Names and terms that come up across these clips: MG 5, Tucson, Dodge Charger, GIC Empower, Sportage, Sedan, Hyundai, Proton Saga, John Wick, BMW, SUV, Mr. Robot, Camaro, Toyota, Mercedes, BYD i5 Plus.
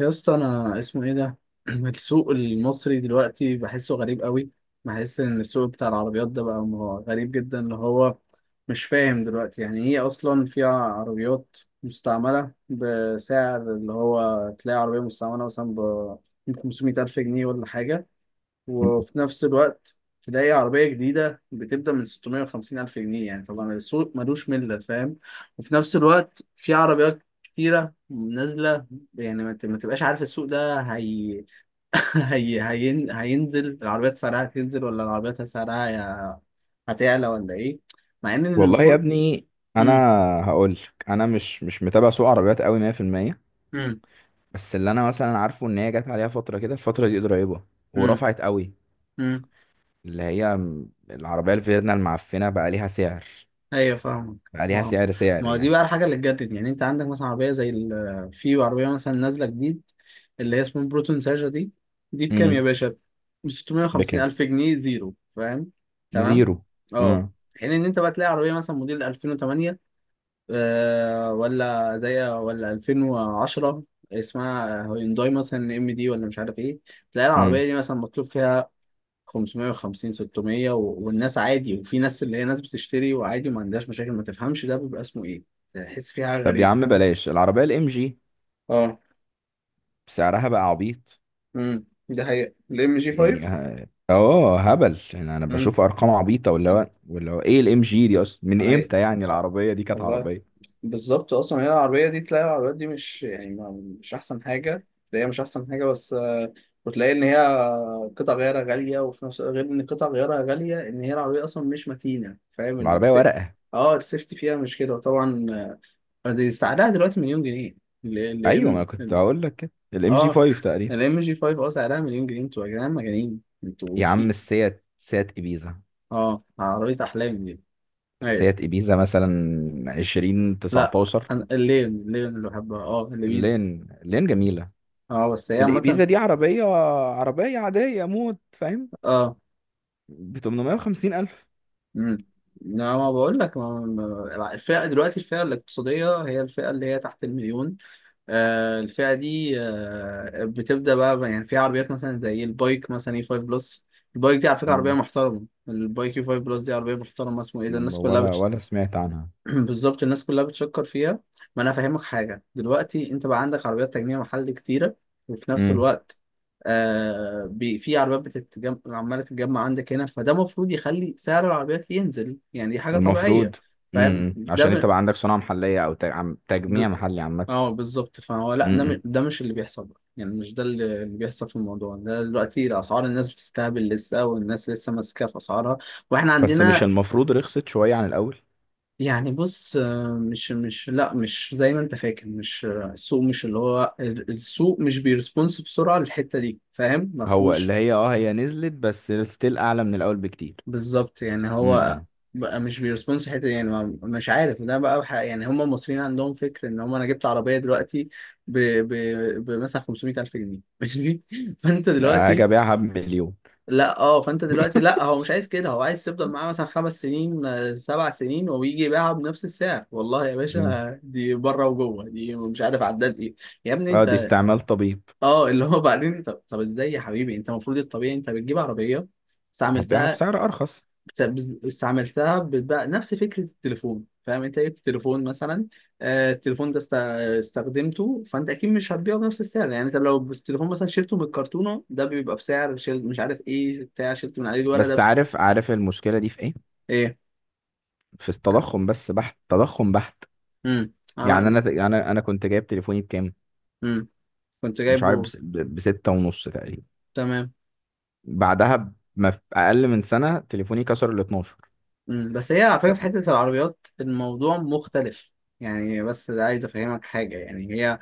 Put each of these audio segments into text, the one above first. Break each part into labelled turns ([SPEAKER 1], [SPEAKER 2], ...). [SPEAKER 1] يا اسطى انا اسمه ايه ده السوق المصري دلوقتي بحسه غريب قوي. بحس ان السوق بتاع العربيات ده بقى غريب جدا اللي هو مش فاهم دلوقتي يعني ايه اصلا. فيها عربيات مستعملة بسعر، اللي هو تلاقي عربية مستعملة مثلا ب 500 ألف جنيه ولا حاجة، وفي نفس الوقت تلاقي عربية جديدة بتبدأ من 650 ألف جنيه. يعني طبعا السوق ملوش ملة، فاهم؟ وفي نفس الوقت في عربيات كتيرة نازلة، يعني ما تبقاش عارف السوق ده هينزل العربيات، سعرها هتنزل؟ ولا العربيات سعرها هتعلى ولا إيه؟ مع إن
[SPEAKER 2] والله يا
[SPEAKER 1] المفروض
[SPEAKER 2] ابني، انا
[SPEAKER 1] مم.
[SPEAKER 2] هقول لك: انا مش متابع سوق عربيات قوي 100%.
[SPEAKER 1] مم.
[SPEAKER 2] بس اللي انا مثلا عارفه ان هي جت عليها فتره كده، الفتره دي قريبه،
[SPEAKER 1] مم.
[SPEAKER 2] ورفعت قوي.
[SPEAKER 1] مم.
[SPEAKER 2] اللي هي العربيه الفيرنا المعفنه بقى ليها سعر،
[SPEAKER 1] ايوه فاهمك.
[SPEAKER 2] بقى ليها
[SPEAKER 1] ما
[SPEAKER 2] سعر، سعر
[SPEAKER 1] ما هو دي
[SPEAKER 2] يعني.
[SPEAKER 1] بقى الحاجه اللي تجدد، يعني انت عندك مثلا عربيه زي في عربيه مثلا نازله جديد اللي هي اسمها بروتون ساجا دي، دي بكام يا
[SPEAKER 2] امم
[SPEAKER 1] باشا؟ ب 650
[SPEAKER 2] بكام؟
[SPEAKER 1] الف جنيه زيرو، فاهم؟ تمام.
[SPEAKER 2] زيرو؟
[SPEAKER 1] اه.
[SPEAKER 2] امم
[SPEAKER 1] حين ان انت بقى تلاقي عربيه مثلا موديل 2008، آه، ولا 2010، اسمها هيونداي مثلا ام دي ولا مش عارف ايه، تلاقي
[SPEAKER 2] امم
[SPEAKER 1] العربيه دي مثلا مطلوب فيها 550 600 والناس عادي، وفي ناس اللي هي ناس بتشتري وعادي وما عندهاش مشاكل، ما تفهمش ده بيبقى اسمه ايه. تحس فيها حاجة
[SPEAKER 2] طب يا
[SPEAKER 1] غريبة.
[SPEAKER 2] عم بلاش العربيه الام جي،
[SPEAKER 1] اه.
[SPEAKER 2] سعرها بقى عبيط
[SPEAKER 1] ده حقيقة الام جي
[SPEAKER 2] يعني.
[SPEAKER 1] 5.
[SPEAKER 2] هبل يعني. انا بشوف
[SPEAKER 1] امم.
[SPEAKER 2] ارقام عبيطه. ولا هو ايه الام جي دي اصلا؟ من
[SPEAKER 1] حقيقة
[SPEAKER 2] امتى يعني
[SPEAKER 1] آه.
[SPEAKER 2] العربيه دي كانت
[SPEAKER 1] والله
[SPEAKER 2] عربيه؟
[SPEAKER 1] بالظبط، اصلا هي العربية دي، تلاقي العربيات دي مش يعني ما... مش احسن حاجة تلاقيها، مش احسن حاجة، بس آه، وتلاقي ان هي قطع غيارها غالية، وفي نفس، غير ان قطع غيارها غالية، ان هي العربية اصلا مش متينة، فاهم؟
[SPEAKER 2] العربيه ورقه.
[SPEAKER 1] اه السيفتي فيها مش كده، وطبعا دي سعرها دلوقتي مليون جنيه. ال
[SPEAKER 2] ايوه، ما أنا كنت
[SPEAKER 1] ام،
[SPEAKER 2] هقول لك كده، الام جي
[SPEAKER 1] اه
[SPEAKER 2] 5 تقريبا.
[SPEAKER 1] ال ام جي 5، اه سعرها مليون جنيه، انتوا يا جدعان مجانين انتوا.
[SPEAKER 2] يا عم،
[SPEAKER 1] في
[SPEAKER 2] سيات ابيزا،
[SPEAKER 1] اه عربية احلام دي. ايوه.
[SPEAKER 2] السيات ابيزا مثلا 20
[SPEAKER 1] لا
[SPEAKER 2] 19
[SPEAKER 1] انا الليون اللي بحبها، اه اللي بيزا.
[SPEAKER 2] لين، لين جميله.
[SPEAKER 1] اه بس هي عامة.
[SPEAKER 2] الابيزا دي عربيه، عربيه عاديه موت، فاهم؟
[SPEAKER 1] اه.
[SPEAKER 2] ب 850 الف.
[SPEAKER 1] امم. لا ما بقول لك، الفئة دلوقتي، الفئة الاقتصادية هي الفئة اللي هي تحت المليون، آه، الفئة دي آه، بتبدأ بقى يعني في عربيات مثلا زي البايك مثلا اي 5 بلس، البايك دي على فكرة عربية
[SPEAKER 2] مم.
[SPEAKER 1] محترمة، البايك اي 5 بلس دي عربية محترمة، اسمه ايه ده الناس كلها
[SPEAKER 2] ولا سمعت عنها.
[SPEAKER 1] بالظبط الناس كلها بتشكر فيها. ما انا فاهمك حاجه، دلوقتي انت بقى عندك عربيات تجميع محلي كتيره، وفي نفس
[SPEAKER 2] مم.
[SPEAKER 1] الوقت آه، في عربيات بتتجمع، عماله تتجمع عندك هنا، فده المفروض يخلي سعر العربيات ينزل، يعني دي حاجه طبيعيه،
[SPEAKER 2] المفروض.
[SPEAKER 1] فاهم؟
[SPEAKER 2] مم. عشان انت بقى عندك صناعه محليه، او
[SPEAKER 1] ب...
[SPEAKER 2] تجميع محلي عامه.
[SPEAKER 1] اه بالظبط، فهو لا ده،
[SPEAKER 2] مم.
[SPEAKER 1] ده مش اللي بيحصل بقى. يعني مش ده اللي بيحصل في الموضوع ده. دلوقتي الاسعار، الناس بتستهبل لسه، والناس لسه ماسكه في اسعارها، واحنا
[SPEAKER 2] بس مش
[SPEAKER 1] عندنا
[SPEAKER 2] المفروض رخصت شويه عن الاول؟
[SPEAKER 1] يعني، بص آه، مش زي ما انت فاكر، مش آه، السوق مش اللي هو السوق مش بيرسبونس بسرعة للحتة دي، فاهم؟ ما
[SPEAKER 2] هو اللي
[SPEAKER 1] فيهوش.
[SPEAKER 2] هي اه هي نزلت، بس ستيل اعلى من الاول بكتير.
[SPEAKER 1] بالظبط، يعني هو
[SPEAKER 2] امم.
[SPEAKER 1] بقى مش بيرسبونس الحتة دي، يعني مش عارف ده بقى يعني هم المصريين عندهم فكر ان هم انا جبت عربية دلوقتي ب بمثلا 500 ألف جنيه ماشي. فانت
[SPEAKER 2] اجي
[SPEAKER 1] دلوقتي،
[SPEAKER 2] ابيعها بمليون؟
[SPEAKER 1] لا، اه، فانت دلوقتي لا هو مش عايز كده، هو عايز تفضل معاه مثلا خمس سنين، آه، سبع سنين، ويجي يبيعها بنفس السعر. والله يا
[SPEAKER 2] امم.
[SPEAKER 1] باشا دي بره وجوه، دي مش عارف عداد ايه. يا ابني
[SPEAKER 2] اه، دي
[SPEAKER 1] انت،
[SPEAKER 2] استعمال طبيب.
[SPEAKER 1] اه اللي هو بعدين، طب ازاي يا حبيبي؟ انت المفروض الطبيعي، انت بتجيب عربيه
[SPEAKER 2] هبيعها
[SPEAKER 1] استعملتها،
[SPEAKER 2] بسعر ارخص؟
[SPEAKER 1] استعملتها، بتبقى نفس فكره التليفون، فاهم؟ انت جبت تليفون مثلا، آه، التليفون ده استخدمته، فانت اكيد مش هتبيعه بنفس السعر. يعني انت لو التليفون مثلا شلته من الكرتونه، ده بيبقى بسعر، شل مش عارف ايه بتاع شلت من عليه الورق ده.
[SPEAKER 2] بس عارف، عارف المشكله دي في ايه؟
[SPEAKER 1] ايه.
[SPEAKER 2] في التضخم، بس بحت، تضخم بحت.
[SPEAKER 1] امم.
[SPEAKER 2] يعني
[SPEAKER 1] عم...
[SPEAKER 2] انا، انا كنت جايب تليفوني بكام؟
[SPEAKER 1] امم. كنت
[SPEAKER 2] مش عارف،
[SPEAKER 1] جايبه.
[SPEAKER 2] بستة ونص تقريبا.
[SPEAKER 1] تمام.
[SPEAKER 2] بعدها، ما في اقل من سنه، تليفوني كسر ال 12.
[SPEAKER 1] امم، بس هي على فكره
[SPEAKER 2] طب
[SPEAKER 1] في حته العربيات الموضوع مختلف، يعني بس عايز افهمك حاجه، يعني هي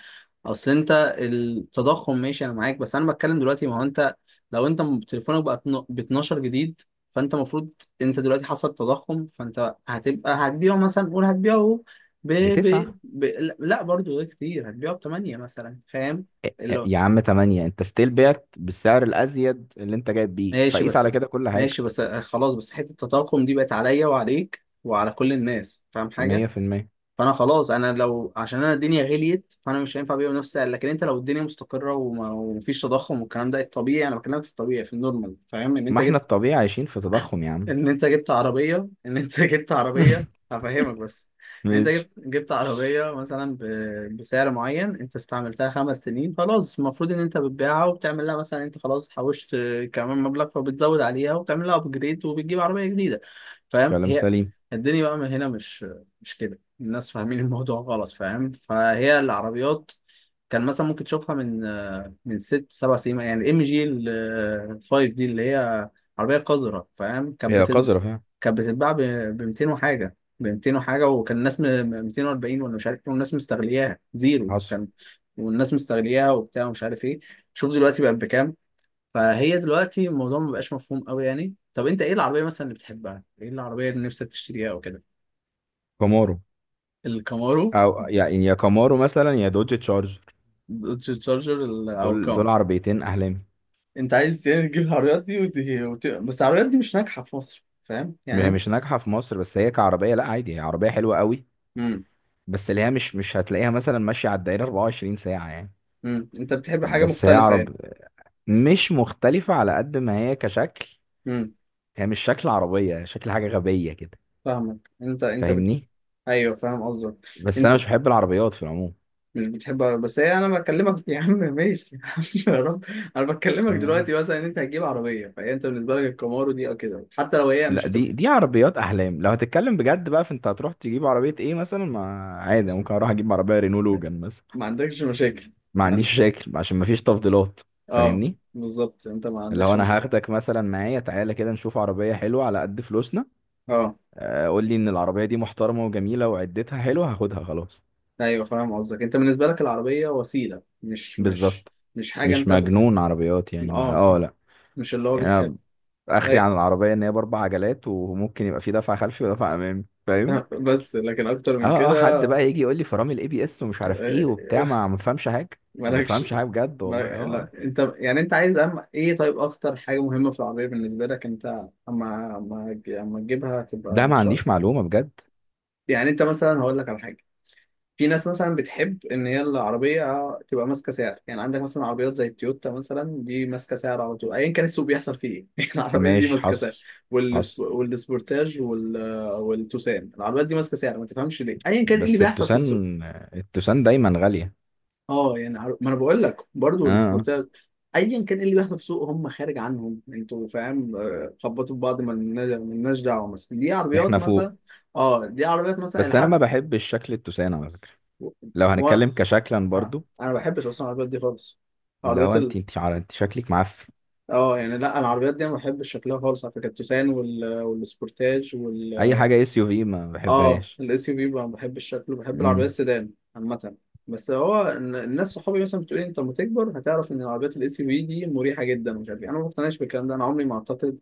[SPEAKER 1] اصل انت، التضخم ماشي انا معاك، بس انا بتكلم دلوقتي، ما هو انت لو انت تليفونك بقى ب 12 جديد، فانت المفروض، انت دلوقتي حصل تضخم، فانت هتبقى هتبيعه مثلا، قول هتبيعه ب... ب...
[SPEAKER 2] بتسعة؟
[SPEAKER 1] ب... لا برضو ده كتير، هتبيعه ب 8 مثلا، فاهم؟
[SPEAKER 2] إيه، يا عم تمانية؟ انت ستيل بعت بالسعر الازيد اللي انت جايب بيه.
[SPEAKER 1] ماشي
[SPEAKER 2] فقيس
[SPEAKER 1] بس،
[SPEAKER 2] على كده كل حاجه.
[SPEAKER 1] ماشي بس آه، خلاص، بس حتة التضخم دي بقت عليا وعليك وعلى كل الناس، فاهم حاجة؟
[SPEAKER 2] 100%.
[SPEAKER 1] فأنا خلاص، أنا لو عشان أنا الدنيا غليت، فأنا مش هينفع أبيع بنفس السعر. لكن أنت لو الدنيا مستقرة ومفيش تضخم والكلام ده، الطبيعي، أنا بكلمك في الطبيعي في النورمال، فاهم؟ إن أنت
[SPEAKER 2] ما احنا
[SPEAKER 1] جبت،
[SPEAKER 2] الطبيعي عايشين في تضخم يا عم.
[SPEAKER 1] ان انت جبت عربيه، ان انت جبت عربيه، هفهمك بس. ان انت
[SPEAKER 2] ماشي.
[SPEAKER 1] جبت عربيه مثلا بسعر معين، انت استعملتها خمس سنين، خلاص المفروض ان انت بتبيعها، وبتعمل لها مثلا، انت خلاص حوشت كمان مبلغ، فبتزود عليها، وبتعمل لها ابجريد، وبتجيب عربيه جديده، فاهم؟
[SPEAKER 2] كلام
[SPEAKER 1] هي
[SPEAKER 2] سليم.
[SPEAKER 1] الدنيا بقى من هنا، مش مش كده. الناس فاهمين الموضوع غلط، فاهم؟ فهي العربيات كان مثلا ممكن تشوفها من من ست سبع سنين، يعني الام جي ال 5 دي، اللي هي عربية قذرة، فاهم؟
[SPEAKER 2] هي قذرة فعلا.
[SPEAKER 1] كانت بتتباع ب 200 وحاجة، ب 200 وحاجة، وكان الناس 240 ولا مش عارف ايه، والناس مستغلياها زيرو،
[SPEAKER 2] حصل.
[SPEAKER 1] كان والناس مستغلياها وبتاع ومش عارف ايه، شوف دلوقتي بقت بكام. فهي دلوقتي الموضوع ما بقاش مفهوم قوي. يعني طب انت ايه العربية مثلا اللي بتحبها؟ ايه العربية اللي نفسك تشتريها او كده؟
[SPEAKER 2] كامارو،
[SPEAKER 1] الكامارو،
[SPEAKER 2] او يعني يا كامارو مثلا يا دوج تشارجر.
[SPEAKER 1] الدوج تشارجر، او
[SPEAKER 2] دول
[SPEAKER 1] كام.
[SPEAKER 2] دول عربيتين احلامي.
[SPEAKER 1] انت عايز يعني تجيب العربيات دي بس العربيات دي مش ناجحة في مصر، فاهم؟ يعني
[SPEAKER 2] هي
[SPEAKER 1] انت.
[SPEAKER 2] مش ناجحة في مصر، بس هي كعربية لا، عادي، هي عربية حلوة قوي.
[SPEAKER 1] امم.
[SPEAKER 2] بس اللي هي مش هتلاقيها مثلا ماشية على الدائرة 24 ساعة يعني.
[SPEAKER 1] امم، انت بتحب حاجة
[SPEAKER 2] بس هي
[SPEAKER 1] مختلفة،
[SPEAKER 2] عرب، مش مختلفة على قد ما هي كشكل.
[SPEAKER 1] يعني.
[SPEAKER 2] هي مش شكل عربية، هي شكل حاجة غبية كده.
[SPEAKER 1] فاهمك انت انت
[SPEAKER 2] فاهمني؟
[SPEAKER 1] ايوه فاهم قصدك.
[SPEAKER 2] بس انا
[SPEAKER 1] انت
[SPEAKER 2] مش بحب العربيات في
[SPEAKER 1] مش بتحب عربية، بس هي انا بكلمك، يا عم ماشي يا عم، يا رب. انا بكلمك
[SPEAKER 2] العموم.
[SPEAKER 1] دلوقتي مثلا ان انت هتجيب عربيه، فهي انت بالنسبه لك الكامارو دي او كده، حتى لو هي
[SPEAKER 2] لا،
[SPEAKER 1] مش هتبقى،
[SPEAKER 2] دي عربيات احلام. لو هتتكلم بجد بقى فانت هتروح تجيب عربيه ايه مثلا؟ ما عادي، ممكن اروح اجيب عربيه رينو لوجان مثلا.
[SPEAKER 1] ما عندكش مشاكل.
[SPEAKER 2] ما
[SPEAKER 1] ما عند...
[SPEAKER 2] عنديش مشاكل، عشان ما فيش تفضيلات.
[SPEAKER 1] اه
[SPEAKER 2] فاهمني؟
[SPEAKER 1] بالظبط انت ما
[SPEAKER 2] اللي هو
[SPEAKER 1] عندكش
[SPEAKER 2] انا
[SPEAKER 1] مشاكل.
[SPEAKER 2] هاخدك مثلا معايا، تعالى كده نشوف عربيه حلوه على قد فلوسنا.
[SPEAKER 1] اه.
[SPEAKER 2] آه، قول لي ان العربيه دي محترمه وجميله وعدتها حلوه، هاخدها خلاص.
[SPEAKER 1] ايوه فاهم قصدك، انت بالنسبه لك العربيه وسيله، مش
[SPEAKER 2] بالظبط.
[SPEAKER 1] مش حاجه،
[SPEAKER 2] مش
[SPEAKER 1] انت
[SPEAKER 2] مجنون عربيات يعني، ما
[SPEAKER 1] اه
[SPEAKER 2] اه لا.
[SPEAKER 1] مش اللي هو
[SPEAKER 2] يعني
[SPEAKER 1] بتحب.
[SPEAKER 2] انا، اخري
[SPEAKER 1] أي...
[SPEAKER 2] عن العربيه ان هي باربع عجلات وممكن يبقى في دفع خلفي ودفع امامي، فاهم؟
[SPEAKER 1] بس لكن اكتر من
[SPEAKER 2] اه اه. حد
[SPEAKER 1] كده.
[SPEAKER 2] بقى يجي يقول لي فرامل الاي بي اس ومش عارف ايه وبتاع، ما فهمش حاجه. ما
[SPEAKER 1] مالكش.
[SPEAKER 2] فهمش حاجه بجد والله، اه
[SPEAKER 1] لا
[SPEAKER 2] آه.
[SPEAKER 1] انت يعني انت عايز، ايه طيب اكتر حاجه مهمه في العربيه بالنسبه لك انت، اما تجيبها تبقى
[SPEAKER 2] ده
[SPEAKER 1] ان
[SPEAKER 2] ما
[SPEAKER 1] شاء الله.
[SPEAKER 2] عنديش معلومه بجد.
[SPEAKER 1] يعني انت مثلا هقول لك على حاجه، في ناس مثلا بتحب ان هي العربيه تبقى ماسكه سعر، يعني عندك مثلا عربيات زي التويوتا مثلا، دي ماسكه سعر على طول، ايا كان السوق بيحصل فيه ايه يعني العربيه دي
[SPEAKER 2] ماشي.
[SPEAKER 1] ماسكه سعر،
[SPEAKER 2] حصل. حصل.
[SPEAKER 1] والسبورتاج، والتوسان، العربيات دي ماسكه سعر، ما تفهمش ليه، ايا كان ايه اللي
[SPEAKER 2] بس
[SPEAKER 1] بيحصل في السوق.
[SPEAKER 2] التوسان، التوسان دايما غاليه.
[SPEAKER 1] اه يعني ما انا بقول لك
[SPEAKER 2] اه
[SPEAKER 1] برضو
[SPEAKER 2] آه.
[SPEAKER 1] السبورتات، ايا كان إيه اللي بيحصل في السوق هم خارج عنهم انتوا، فاهم؟ آه، خبطوا في بعض، ما لناش دعوه، مثلا دي عربيات
[SPEAKER 2] احنا فوق.
[SPEAKER 1] مثلا، اه دي عربيات مثلا
[SPEAKER 2] بس انا ما
[SPEAKER 1] لحد
[SPEAKER 2] بحبش شكل التوسان على فكره،
[SPEAKER 1] و...
[SPEAKER 2] لو
[SPEAKER 1] و...
[SPEAKER 2] هنتكلم كشكلا
[SPEAKER 1] آه.
[SPEAKER 2] برضو.
[SPEAKER 1] انا ما بحبش اصلا العربيات دي خالص،
[SPEAKER 2] اللي هو
[SPEAKER 1] عربيات
[SPEAKER 2] انت، انت شكلك معفن.
[SPEAKER 1] اه يعني لا العربيات دي انا ما بحبش شكلها خالص على فكره، التوسان والسبورتاج.
[SPEAKER 2] اي حاجه اس يو في ما
[SPEAKER 1] اه
[SPEAKER 2] بحبهاش.
[SPEAKER 1] الاس يو في ما بحبش شكله، بحب الشكل، وبحب العربيات
[SPEAKER 2] امم.
[SPEAKER 1] السيدان عامة. بس هو الناس صحابي مثلا بتقول لي، انت لما تكبر هتعرف ان العربيات الاس يو في دي مريحة جدا ومش عارف ايه، انا ما بقتنعش بالكلام ده. انا عمري ما اعتقد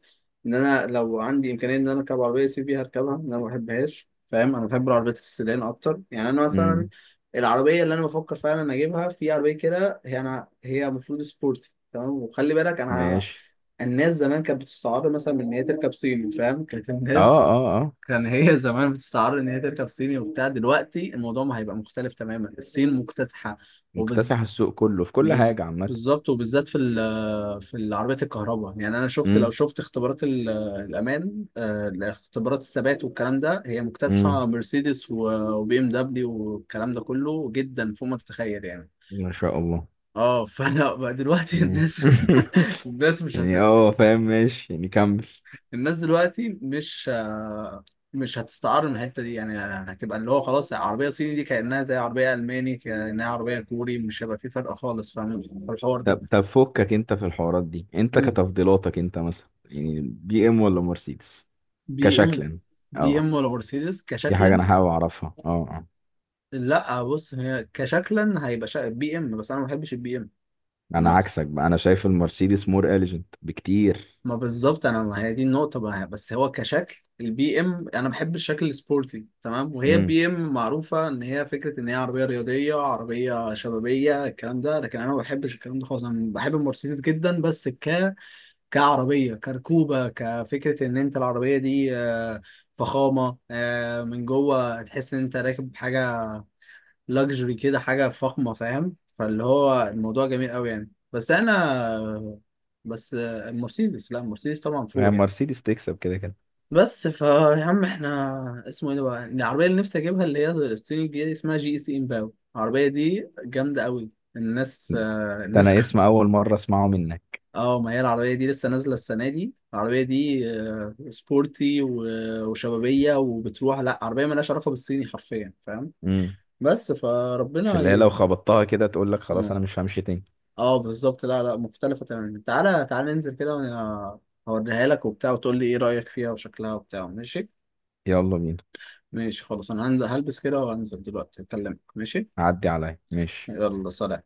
[SPEAKER 1] ان انا لو عندي امكانية ان انا اركب عربية اس يو في هركبها، إن انا ما بحبهاش، فاهم؟ انا بحب العربيات السيدان اكتر. يعني انا مثلا
[SPEAKER 2] امم.
[SPEAKER 1] العربية اللي انا بفكر فعلا اجيبها في عربية كده، هي انا هي المفروض سبورتي تمام، وخلي بالك انا،
[SPEAKER 2] ماشي.
[SPEAKER 1] الناس زمان كانت بتستعار مثلا من ان هي تركب صيني، فاهم؟ كانت
[SPEAKER 2] اه
[SPEAKER 1] الناس
[SPEAKER 2] اه اه.
[SPEAKER 1] كان هي زمان بتستعر ان هي تركب صيني وبتاع، دلوقتي الموضوع ما هيبقى مختلف تماما، الصين مكتسحه، وبز...
[SPEAKER 2] مكتسح السوق كله في كل
[SPEAKER 1] بز...
[SPEAKER 2] حاجه عامه.
[SPEAKER 1] بالظبط وبالذات في في العربيات الكهرباء. يعني انا شفت، لو
[SPEAKER 2] امم.
[SPEAKER 1] شفت اختبارات الامان، آه، اختبارات الثبات والكلام ده، هي
[SPEAKER 2] امم.
[SPEAKER 1] مكتسحه مرسيدس وبي ام دبليو والكلام ده كله، جدا فوق ما تتخيل، يعني.
[SPEAKER 2] ما شاء الله.
[SPEAKER 1] اه فانا بقى دلوقتي
[SPEAKER 2] مم.
[SPEAKER 1] الناس الناس مش هت...
[SPEAKER 2] يعني اه فاهم، ماشي، يعني كمل.
[SPEAKER 1] الناس دلوقتي مش آه، مش هتستعار من الحته دي، يعني هتبقى اللي هو خلاص عربيه صيني دي كانها زي عربيه الماني، كانها عربيه كوري، مش هيبقى في فرق خالص، فاهم في الحوار ده؟
[SPEAKER 2] طب فكك انت في الحوارات دي. انت
[SPEAKER 1] مم.
[SPEAKER 2] كتفضيلاتك انت مثلا، يعني بي ام ولا مرسيدس
[SPEAKER 1] بي ام.
[SPEAKER 2] كشكلا؟
[SPEAKER 1] بي
[SPEAKER 2] اه.
[SPEAKER 1] ام ولا مرسيدس
[SPEAKER 2] دي حاجة
[SPEAKER 1] كشكلا؟
[SPEAKER 2] انا حابب اعرفها، اه اه.
[SPEAKER 1] لا بص، هي كشكلا هيبقى بي ام، بس انا ما بحبش البي ام
[SPEAKER 2] انا
[SPEAKER 1] عامه.
[SPEAKER 2] عكسك بقى، انا شايف المرسيدس مور اليجنت بكتير.
[SPEAKER 1] ما بالظبط انا، ما هي دي النقطه بقى، بس هو كشكل البي ام انا بحب الشكل السبورتي تمام، وهي
[SPEAKER 2] امم.
[SPEAKER 1] البي ام معروفه ان هي فكره ان هي عربيه رياضيه، عربيه شبابيه، الكلام ده. لكن انا ما بحبش الكلام ده خالص. انا بحب المرسيدس جدا، بس كعربيه، كركوبه، كفكره ان انت العربيه دي آه، فخامه آه، من جوه تحس ان انت راكب حاجه لاكجري كده، حاجه فخمه، فاهم؟ فاللي هو الموضوع جميل قوي يعني، بس انا، بس المرسيدس، لا المرسيدس طبعا
[SPEAKER 2] هي
[SPEAKER 1] فوق يعني.
[SPEAKER 2] مرسيدس تكسب كده كده.
[SPEAKER 1] بس فا يا عم احنا اسمه ايه ده بقى، العربية اللي نفسي اجيبها، اللي هي الصيني الجديدة دي، اسمها جي اي سي امباو، العربية دي جامدة قوي. الناس آه،
[SPEAKER 2] ده انا اسم اول مرة اسمعه منك.
[SPEAKER 1] اه ما هي العربية دي لسه نازلة السنة دي، العربية دي آه، سبورتي وشبابية وبتروح، لا عربية مالهاش علاقة بالصيني حرفيا، فاهم؟
[SPEAKER 2] امم.
[SPEAKER 1] بس
[SPEAKER 2] مش
[SPEAKER 1] فربنا
[SPEAKER 2] اللي هي لو
[SPEAKER 1] ي...
[SPEAKER 2] خبطتها كده تقول لك خلاص
[SPEAKER 1] مم.
[SPEAKER 2] انا مش همشي تاني؟
[SPEAKER 1] اه بالظبط، لا لا مختلفة تماما. تعالى تعالى ننزل كده، وانا هوريها لك وبتاع، وتقول لي ايه رأيك فيها وشكلها وبتاع، ماشي؟
[SPEAKER 2] يلا بينا.
[SPEAKER 1] ماشي خلاص، انا هلبس كده وهنزل دلوقتي اكلمك، ماشي؟
[SPEAKER 2] عدي عليا، ماشي.
[SPEAKER 1] يلا سلام.